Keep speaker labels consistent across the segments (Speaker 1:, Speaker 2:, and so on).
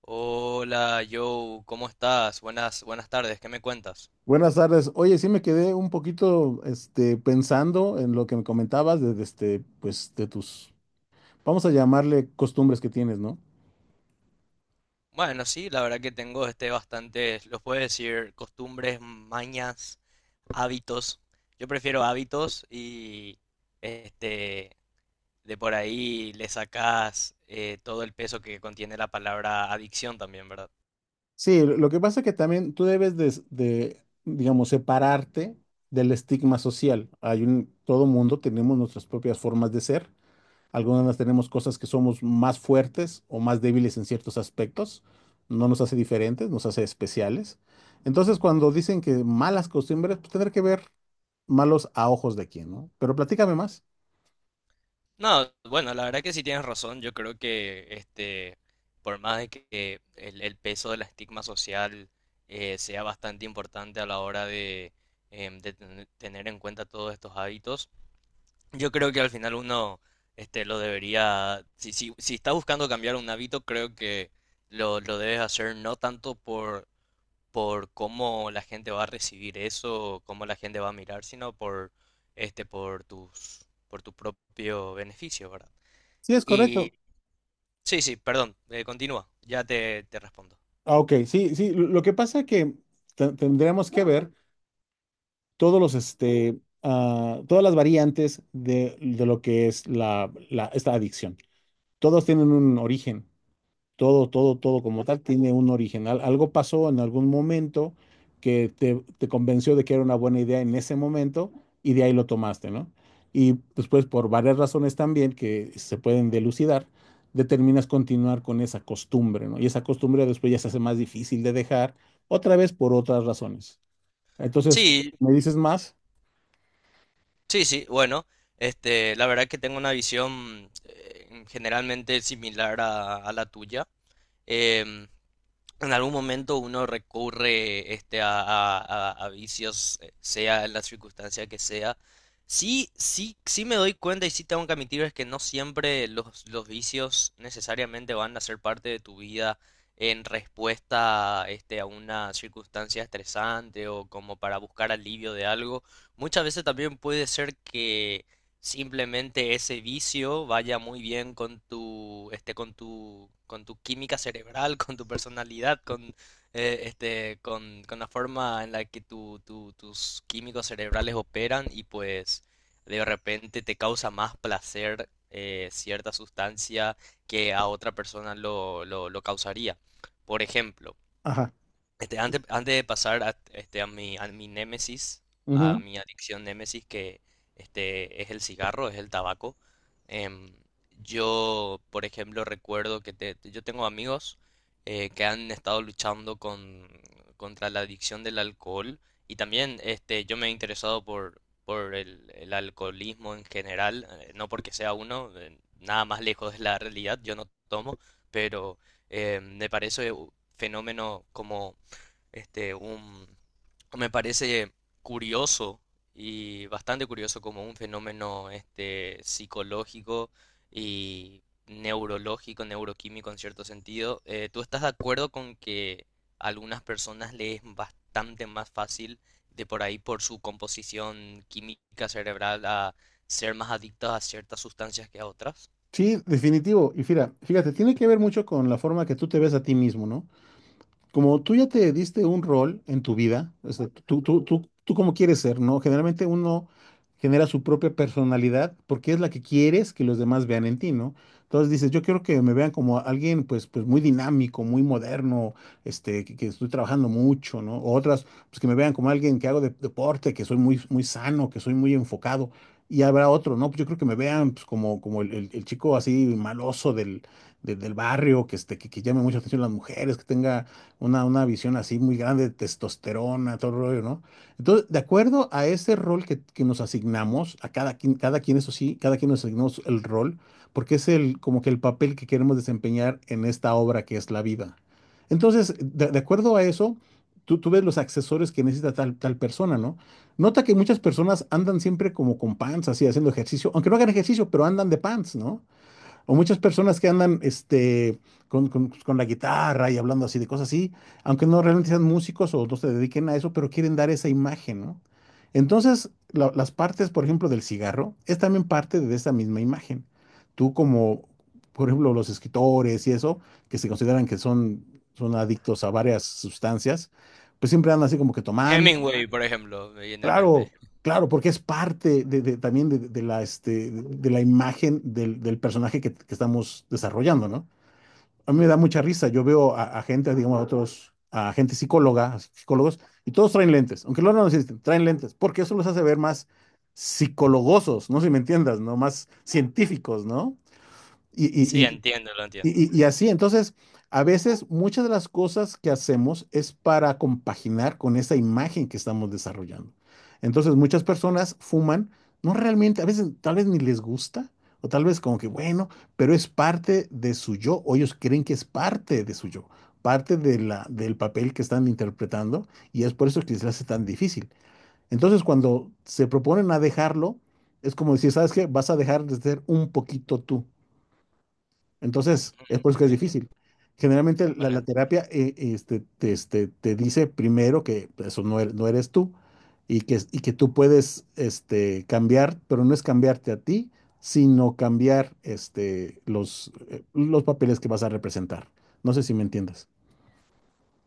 Speaker 1: Hola, Joe, ¿cómo estás? Buenas, buenas tardes, ¿qué me cuentas?
Speaker 2: Buenas tardes. Oye, sí me quedé un poquito, pensando en lo que me comentabas de de tus, vamos a llamarle costumbres que tienes, ¿no?
Speaker 1: Bueno, sí, la verdad que tengo bastante, los puedo decir, costumbres, mañas, hábitos. Yo prefiero hábitos y este de por ahí le sacas todo el peso que contiene la palabra adicción también, ¿verdad?
Speaker 2: Sí, lo que pasa es que también tú debes de, digamos, separarte del estigma social. Todo mundo tenemos nuestras propias formas de ser. Algunas tenemos cosas que somos más fuertes o más débiles en ciertos aspectos. No nos hace diferentes, nos hace especiales. Entonces, cuando dicen que malas costumbres, pues tendrá que ver malos a ojos de quién, ¿no? Pero platícame más.
Speaker 1: No, bueno, la verdad que sí tienes razón. Yo creo que por más de que el peso del estigma social sea bastante importante a la hora de, tener en cuenta todos estos hábitos, yo creo que al final uno lo debería, si está buscando cambiar un hábito, creo que lo debes hacer no tanto por cómo la gente va a recibir eso, cómo la gente va a mirar, sino por, por tus, por tu propio beneficio, ¿verdad?
Speaker 2: Sí, es
Speaker 1: Y
Speaker 2: correcto.
Speaker 1: sí, sí, perdón, continúa, ya te respondo.
Speaker 2: Ah, ok, sí, sí. Lo que pasa que tendremos que ver todos los, todas las variantes de lo que es esta adicción. Todos tienen un origen. Todo como tal tiene un original. Algo pasó en algún momento que te convenció de que era una buena idea en ese momento y de ahí lo tomaste, ¿no? Y después, por varias razones también que se pueden delucidar, determinas continuar con esa costumbre, ¿no? Y esa costumbre después ya se hace más difícil de dejar, otra vez por otras razones. Entonces,
Speaker 1: Sí,
Speaker 2: ¿me dices más?
Speaker 1: sí, sí, bueno, la verdad que tengo una visión generalmente similar a la tuya. Em, en algún momento uno recurre a vicios, sea en la circunstancia que sea. Sí, sí, sí me doy cuenta y sí tengo que admitir es que no siempre los vicios necesariamente van a ser parte de tu vida en respuesta a una circunstancia estresante o como para buscar alivio de algo. Muchas veces también puede ser que simplemente ese vicio vaya muy bien con tu, con tu, con tu química cerebral, con tu personalidad, con, con la forma en la que tus químicos cerebrales operan y pues de repente te causa más placer cierta sustancia que a otra persona lo causaría. Por ejemplo,
Speaker 2: Ajá.
Speaker 1: antes de pasar a, a mi némesis, a
Speaker 2: Ujú.
Speaker 1: mi adicción némesis, que es el cigarro, es el tabaco, em, yo, por ejemplo, recuerdo que yo tengo amigos que han estado luchando con, contra la adicción del alcohol y también yo me he interesado por el alcoholismo en general, no porque sea uno, nada más lejos de la realidad, yo no tomo, pero me parece un fenómeno como este, un, me parece curioso y bastante curioso como un fenómeno psicológico y neurológico, neuroquímico en cierto sentido. ¿Tú estás de acuerdo con que a algunas personas les es bastante más fácil de por ahí por su composición química cerebral a ser más adictos a ciertas sustancias que a otras?
Speaker 2: Sí, definitivo. Y fíjate, tiene que ver mucho con la forma que tú te ves a ti mismo, ¿no? Como tú ya te diste un rol en tu vida, o sea, tú cómo quieres ser, ¿no? Generalmente uno genera su propia personalidad porque es la que quieres que los demás vean en ti, ¿no? Entonces dices, yo quiero que me vean como alguien, pues muy dinámico, muy moderno, que estoy trabajando mucho, ¿no? O otras, pues que me vean como alguien que hago deporte, que soy muy, muy sano, que soy muy enfocado. Y habrá otro, ¿no? Pues yo creo que me vean pues, como, como el chico así maloso del barrio, que, que llame mucha atención a las mujeres, que tenga una visión así muy grande de testosterona, todo el rollo, ¿no? Entonces, de acuerdo a ese rol que nos asignamos, a cada quien, eso sí, cada quien nos asignamos el rol, porque es el, como que el papel que queremos desempeñar en esta obra que es la vida. Entonces, de acuerdo a eso, tú ves los accesorios que necesita tal persona, ¿no? Nota que muchas personas andan siempre como con pants, así, haciendo ejercicio, aunque no hagan ejercicio, pero andan de pants, ¿no? O muchas personas que andan con, con la guitarra y hablando así de cosas así, aunque no realmente sean músicos o no se dediquen a eso, pero quieren dar esa imagen, ¿no? Entonces, las partes, por ejemplo, del cigarro, es también parte de esa misma imagen. Tú como, por ejemplo, los escritores y eso, que se consideran que son, son adictos a varias sustancias, pues siempre andan así como que tomando.
Speaker 1: Hemingway, por ejemplo, me viene en mente.
Speaker 2: Claro, claro, porque es parte de- también de la, este, de la imagen del personaje que estamos desarrollando, ¿no? A mí me da mucha risa. Yo veo a gente, digamos, a otros, a gente psicóloga, a psicólogos, y todos traen lentes, aunque luego no lo necesiten, traen lentes, porque eso los hace ver más psicologosos, no sé si me entiendas, ¿no? Más científicos, ¿no? Y,
Speaker 1: Sí,
Speaker 2: y,
Speaker 1: entiendo, lo entiendo,
Speaker 2: y
Speaker 1: entiendo.
Speaker 2: así, entonces, a veces muchas de las cosas que hacemos es para compaginar con esa imagen que estamos desarrollando. Entonces, muchas personas fuman, no realmente, a veces tal vez ni les gusta, o tal vez como que bueno, pero es parte de su yo, o ellos creen que es parte de su yo, parte de del papel que están interpretando, y es por eso que se les hace tan difícil. Entonces, cuando se proponen a dejarlo, es como decir, ¿sabes qué? Vas a dejar de ser un poquito tú, entonces,
Speaker 1: Ujú,
Speaker 2: es por eso que es
Speaker 1: entiendo.
Speaker 2: difícil. Generalmente la
Speaker 1: Bueno,
Speaker 2: terapia te dice primero que eso no eres, no eres tú, y que tú puedes cambiar, pero no es cambiarte a ti, sino cambiar los papeles que vas a representar. No sé si me entiendes.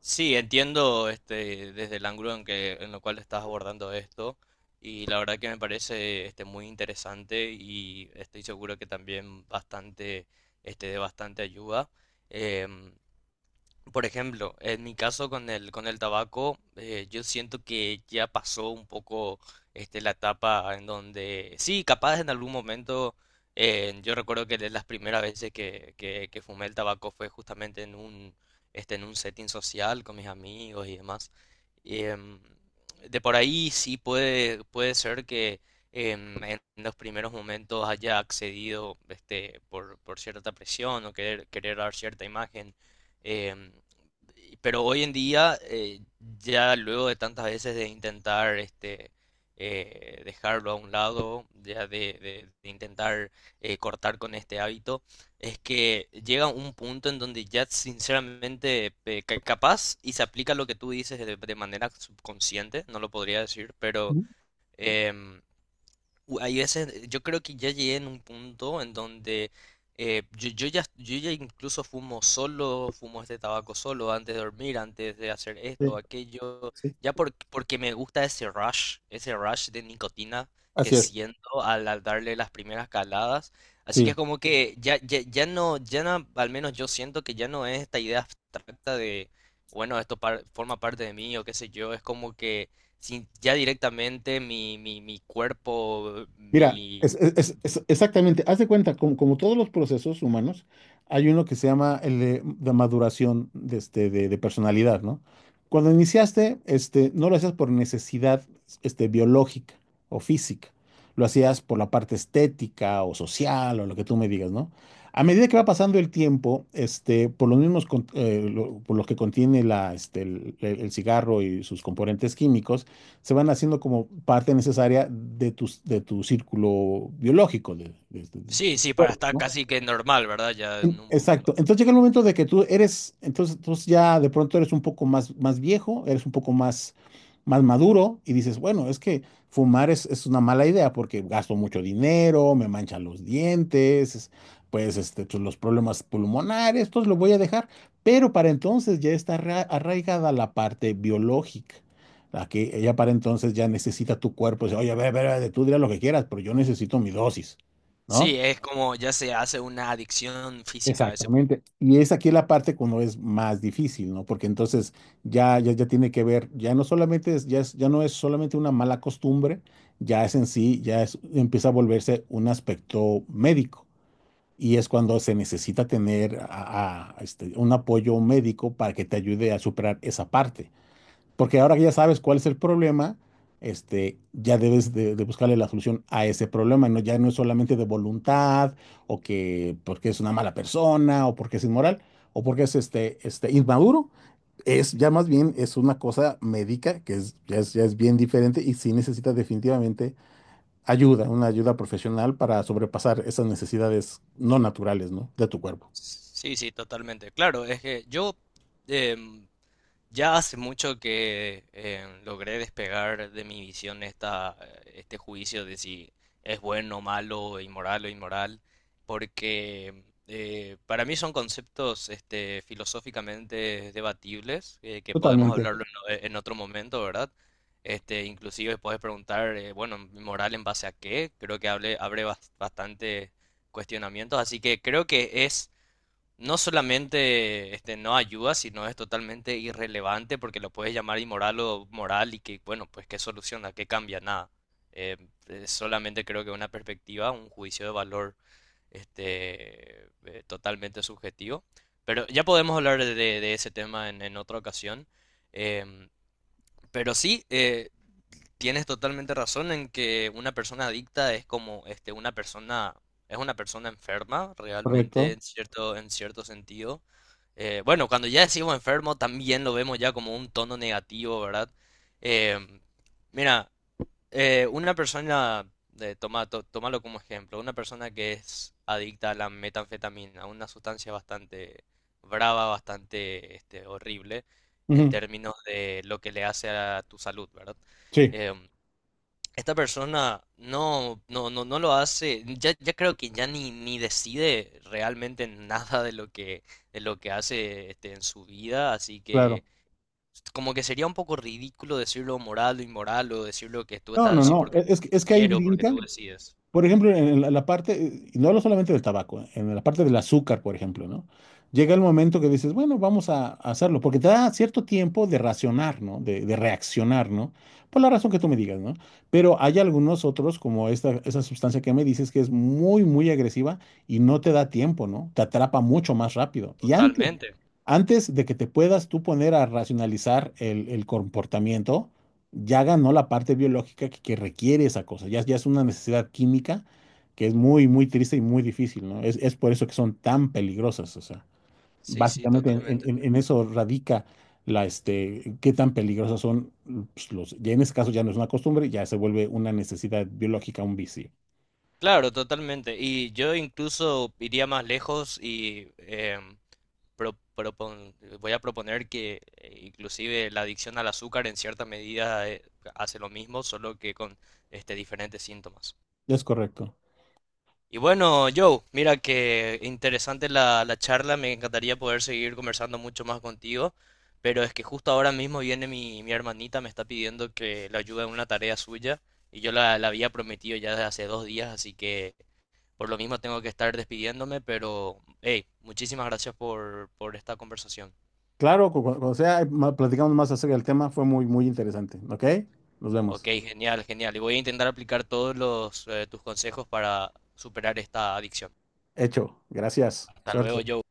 Speaker 1: sí, entiendo desde el ángulo en que, en lo cual estás abordando esto y la verdad que me parece muy interesante y estoy seguro que también bastante, de bastante ayuda. Em, por ejemplo, en mi caso con el tabaco, yo siento que ya pasó un poco la etapa en donde, sí, capaz en algún momento, yo recuerdo que de las primeras veces que fumé el tabaco fue justamente en un, en un setting social con mis amigos y demás. Em, de por ahí sí puede ser que en los primeros momentos haya accedido por cierta presión o querer dar cierta imagen. Em, pero hoy en día, ya luego de tantas veces de intentar dejarlo a un lado, ya de, de intentar cortar con este hábito, es que llega un punto en donde ya sinceramente capaz y se aplica lo que tú dices de manera subconsciente, no lo podría decir, pero...
Speaker 2: Ujú.
Speaker 1: em, Hay veces, yo creo que ya llegué en un punto en donde yo ya incluso fumo solo, fumo este tabaco solo antes de dormir, antes de hacer esto,
Speaker 2: Sí,
Speaker 1: aquello,
Speaker 2: sí,
Speaker 1: porque me gusta ese rush de nicotina que
Speaker 2: así es.
Speaker 1: siento al, al darle las primeras caladas. Así que es
Speaker 2: Sí.
Speaker 1: como que ya no, ya no, al menos yo siento que ya no es esta idea abstracta de, bueno, forma parte de mí o qué sé yo, es como que sin ya directamente mi, mi cuerpo,
Speaker 2: Mira,
Speaker 1: mi...
Speaker 2: es, exactamente, haz de cuenta, como, como todos los procesos humanos, hay uno que se llama el de maduración de personalidad, ¿no? Cuando iniciaste, no lo hacías por necesidad, biológica o física, lo hacías por la parte estética o social o lo que tú me digas, ¿no? A medida que va pasando el tiempo, por los mismos, por los que contiene la, este, el cigarro y sus componentes químicos, se van haciendo como parte necesaria de tu círculo biológico,
Speaker 1: Sí,
Speaker 2: de tu
Speaker 1: sí, para
Speaker 2: cuerpo,
Speaker 1: estar
Speaker 2: ¿no?
Speaker 1: casi que normal, ¿verdad? Ya en un
Speaker 2: Exacto.
Speaker 1: punto.
Speaker 2: Entonces llega el momento de que tú eres, entonces ya de pronto eres un poco más, más viejo, eres un poco más, más maduro y dices, bueno, es que fumar es una mala idea porque gasto mucho dinero, me manchan los dientes, pues pues, los problemas pulmonares, entonces lo voy a dejar. Pero para entonces ya está arraigada la parte biológica. La que ya para entonces ya necesita tu cuerpo, dice, oye, a ver, tú dirás lo que quieras, pero yo necesito mi dosis, ¿no?
Speaker 1: Sí, es como ya se hace una adicción física a ese punto.
Speaker 2: Exactamente. Y es aquí la parte cuando es más difícil, ¿no? Porque entonces ya tiene que ver, ya no solamente es, ya no es solamente una mala costumbre, ya es en sí, ya es, empieza a volverse un aspecto médico. Y es cuando se necesita tener un apoyo médico para que te ayude a superar esa parte. Porque ahora que ya sabes cuál es el problema, ya debes de buscarle la solución a ese problema. No, ya no es solamente de voluntad, o que porque es una mala persona, o porque es inmoral, o porque es inmaduro. Es ya más bien es una cosa médica que es, ya es bien diferente y sí necesita definitivamente ayuda, una ayuda profesional para sobrepasar esas necesidades no naturales, ¿no? De tu cuerpo.
Speaker 1: Sí, sí, totalmente. Claro, es que yo, em, ya hace mucho que logré despegar de mi visión esta, este juicio de si es bueno o malo, inmoral o inmoral, porque para mí son conceptos filosóficamente debatibles, que podemos
Speaker 2: Totalmente,
Speaker 1: hablarlo en otro momento, ¿verdad? Este, inclusive puedes preguntar, bueno, moral en base a qué, creo que hable, abre bastante cuestionamientos, así que creo que es no solamente no ayuda, sino es totalmente irrelevante porque lo puedes llamar inmoral o moral y que, bueno, pues qué soluciona, qué cambia, nada. Eh, solamente creo que una perspectiva, un juicio de valor totalmente subjetivo. Pero ya podemos hablar de ese tema en otra ocasión. Em, pero sí, tienes totalmente razón en que una persona adicta es como una persona, es una persona enferma,
Speaker 2: correcto.
Speaker 1: realmente, en cierto sentido. Bueno, cuando ya decimos enfermo, también lo vemos ya como un tono negativo, ¿verdad? Em, mira, una persona, tómalo como ejemplo, una persona que es adicta a la metanfetamina, una sustancia bastante brava, bastante horrible en
Speaker 2: Ujú.
Speaker 1: términos de lo que le hace a tu salud, ¿verdad?
Speaker 2: Sí,
Speaker 1: Em, esta persona no lo hace, ya, ya creo que ya ni decide realmente nada de lo que, de lo que hace en su vida, así
Speaker 2: claro.
Speaker 1: que como que sería un poco ridículo decirlo moral o inmoral o decirlo que tú
Speaker 2: No,
Speaker 1: estás
Speaker 2: no,
Speaker 1: así
Speaker 2: no.
Speaker 1: porque
Speaker 2: Es, es que ahí
Speaker 1: porque tú
Speaker 2: brincan.
Speaker 1: decides.
Speaker 2: Por ejemplo, en la parte, y no hablo solamente del tabaco, en la parte del azúcar, por ejemplo, ¿no? Llega el momento que dices, bueno, a hacerlo, porque te da cierto tiempo de racionar, ¿no? De reaccionar, ¿no? Por la razón que tú me digas, ¿no? Pero hay algunos otros, como esta, esa sustancia que me dices, que es muy, muy agresiva y no te da tiempo, ¿no? Te atrapa mucho más rápido. Y
Speaker 1: Totalmente.
Speaker 2: antes de que te puedas tú poner a racionalizar el comportamiento, ya ganó la parte biológica que requiere esa cosa. Ya es una necesidad química que es muy, muy triste y muy difícil, ¿no? Es por eso que son tan peligrosas. O sea,
Speaker 1: Sí, sí,
Speaker 2: básicamente
Speaker 1: totalmente.
Speaker 2: en eso radica qué tan peligrosas son pues, los. Ya en ese caso ya no es una costumbre, ya se vuelve una necesidad biológica, un vicio.
Speaker 1: Claro, totalmente. Y yo incluso iría más lejos y pro- propon- voy a proponer que inclusive la adicción al azúcar en cierta medida hace lo mismo, solo que con diferentes síntomas.
Speaker 2: Es correcto.
Speaker 1: Y bueno, Joe, mira que interesante la, la charla, me encantaría poder seguir conversando mucho más contigo, pero es que justo ahora mismo viene mi, mi hermanita, me está pidiendo que le ayude en una tarea suya y yo la, la había prometido ya desde hace 2 días, así que por lo mismo tengo que estar despidiéndome, pero hey, muchísimas gracias por esta conversación.
Speaker 2: Claro, cuando sea, platicamos más acerca del tema, fue muy, muy interesante. ¿Ok? Nos
Speaker 1: Ok,
Speaker 2: vemos.
Speaker 1: genial, genial, y voy a intentar aplicar todos los, tus consejos para superar esta adicción.
Speaker 2: Hecho. Gracias.
Speaker 1: Hasta
Speaker 2: Suerte.
Speaker 1: luego, Joe.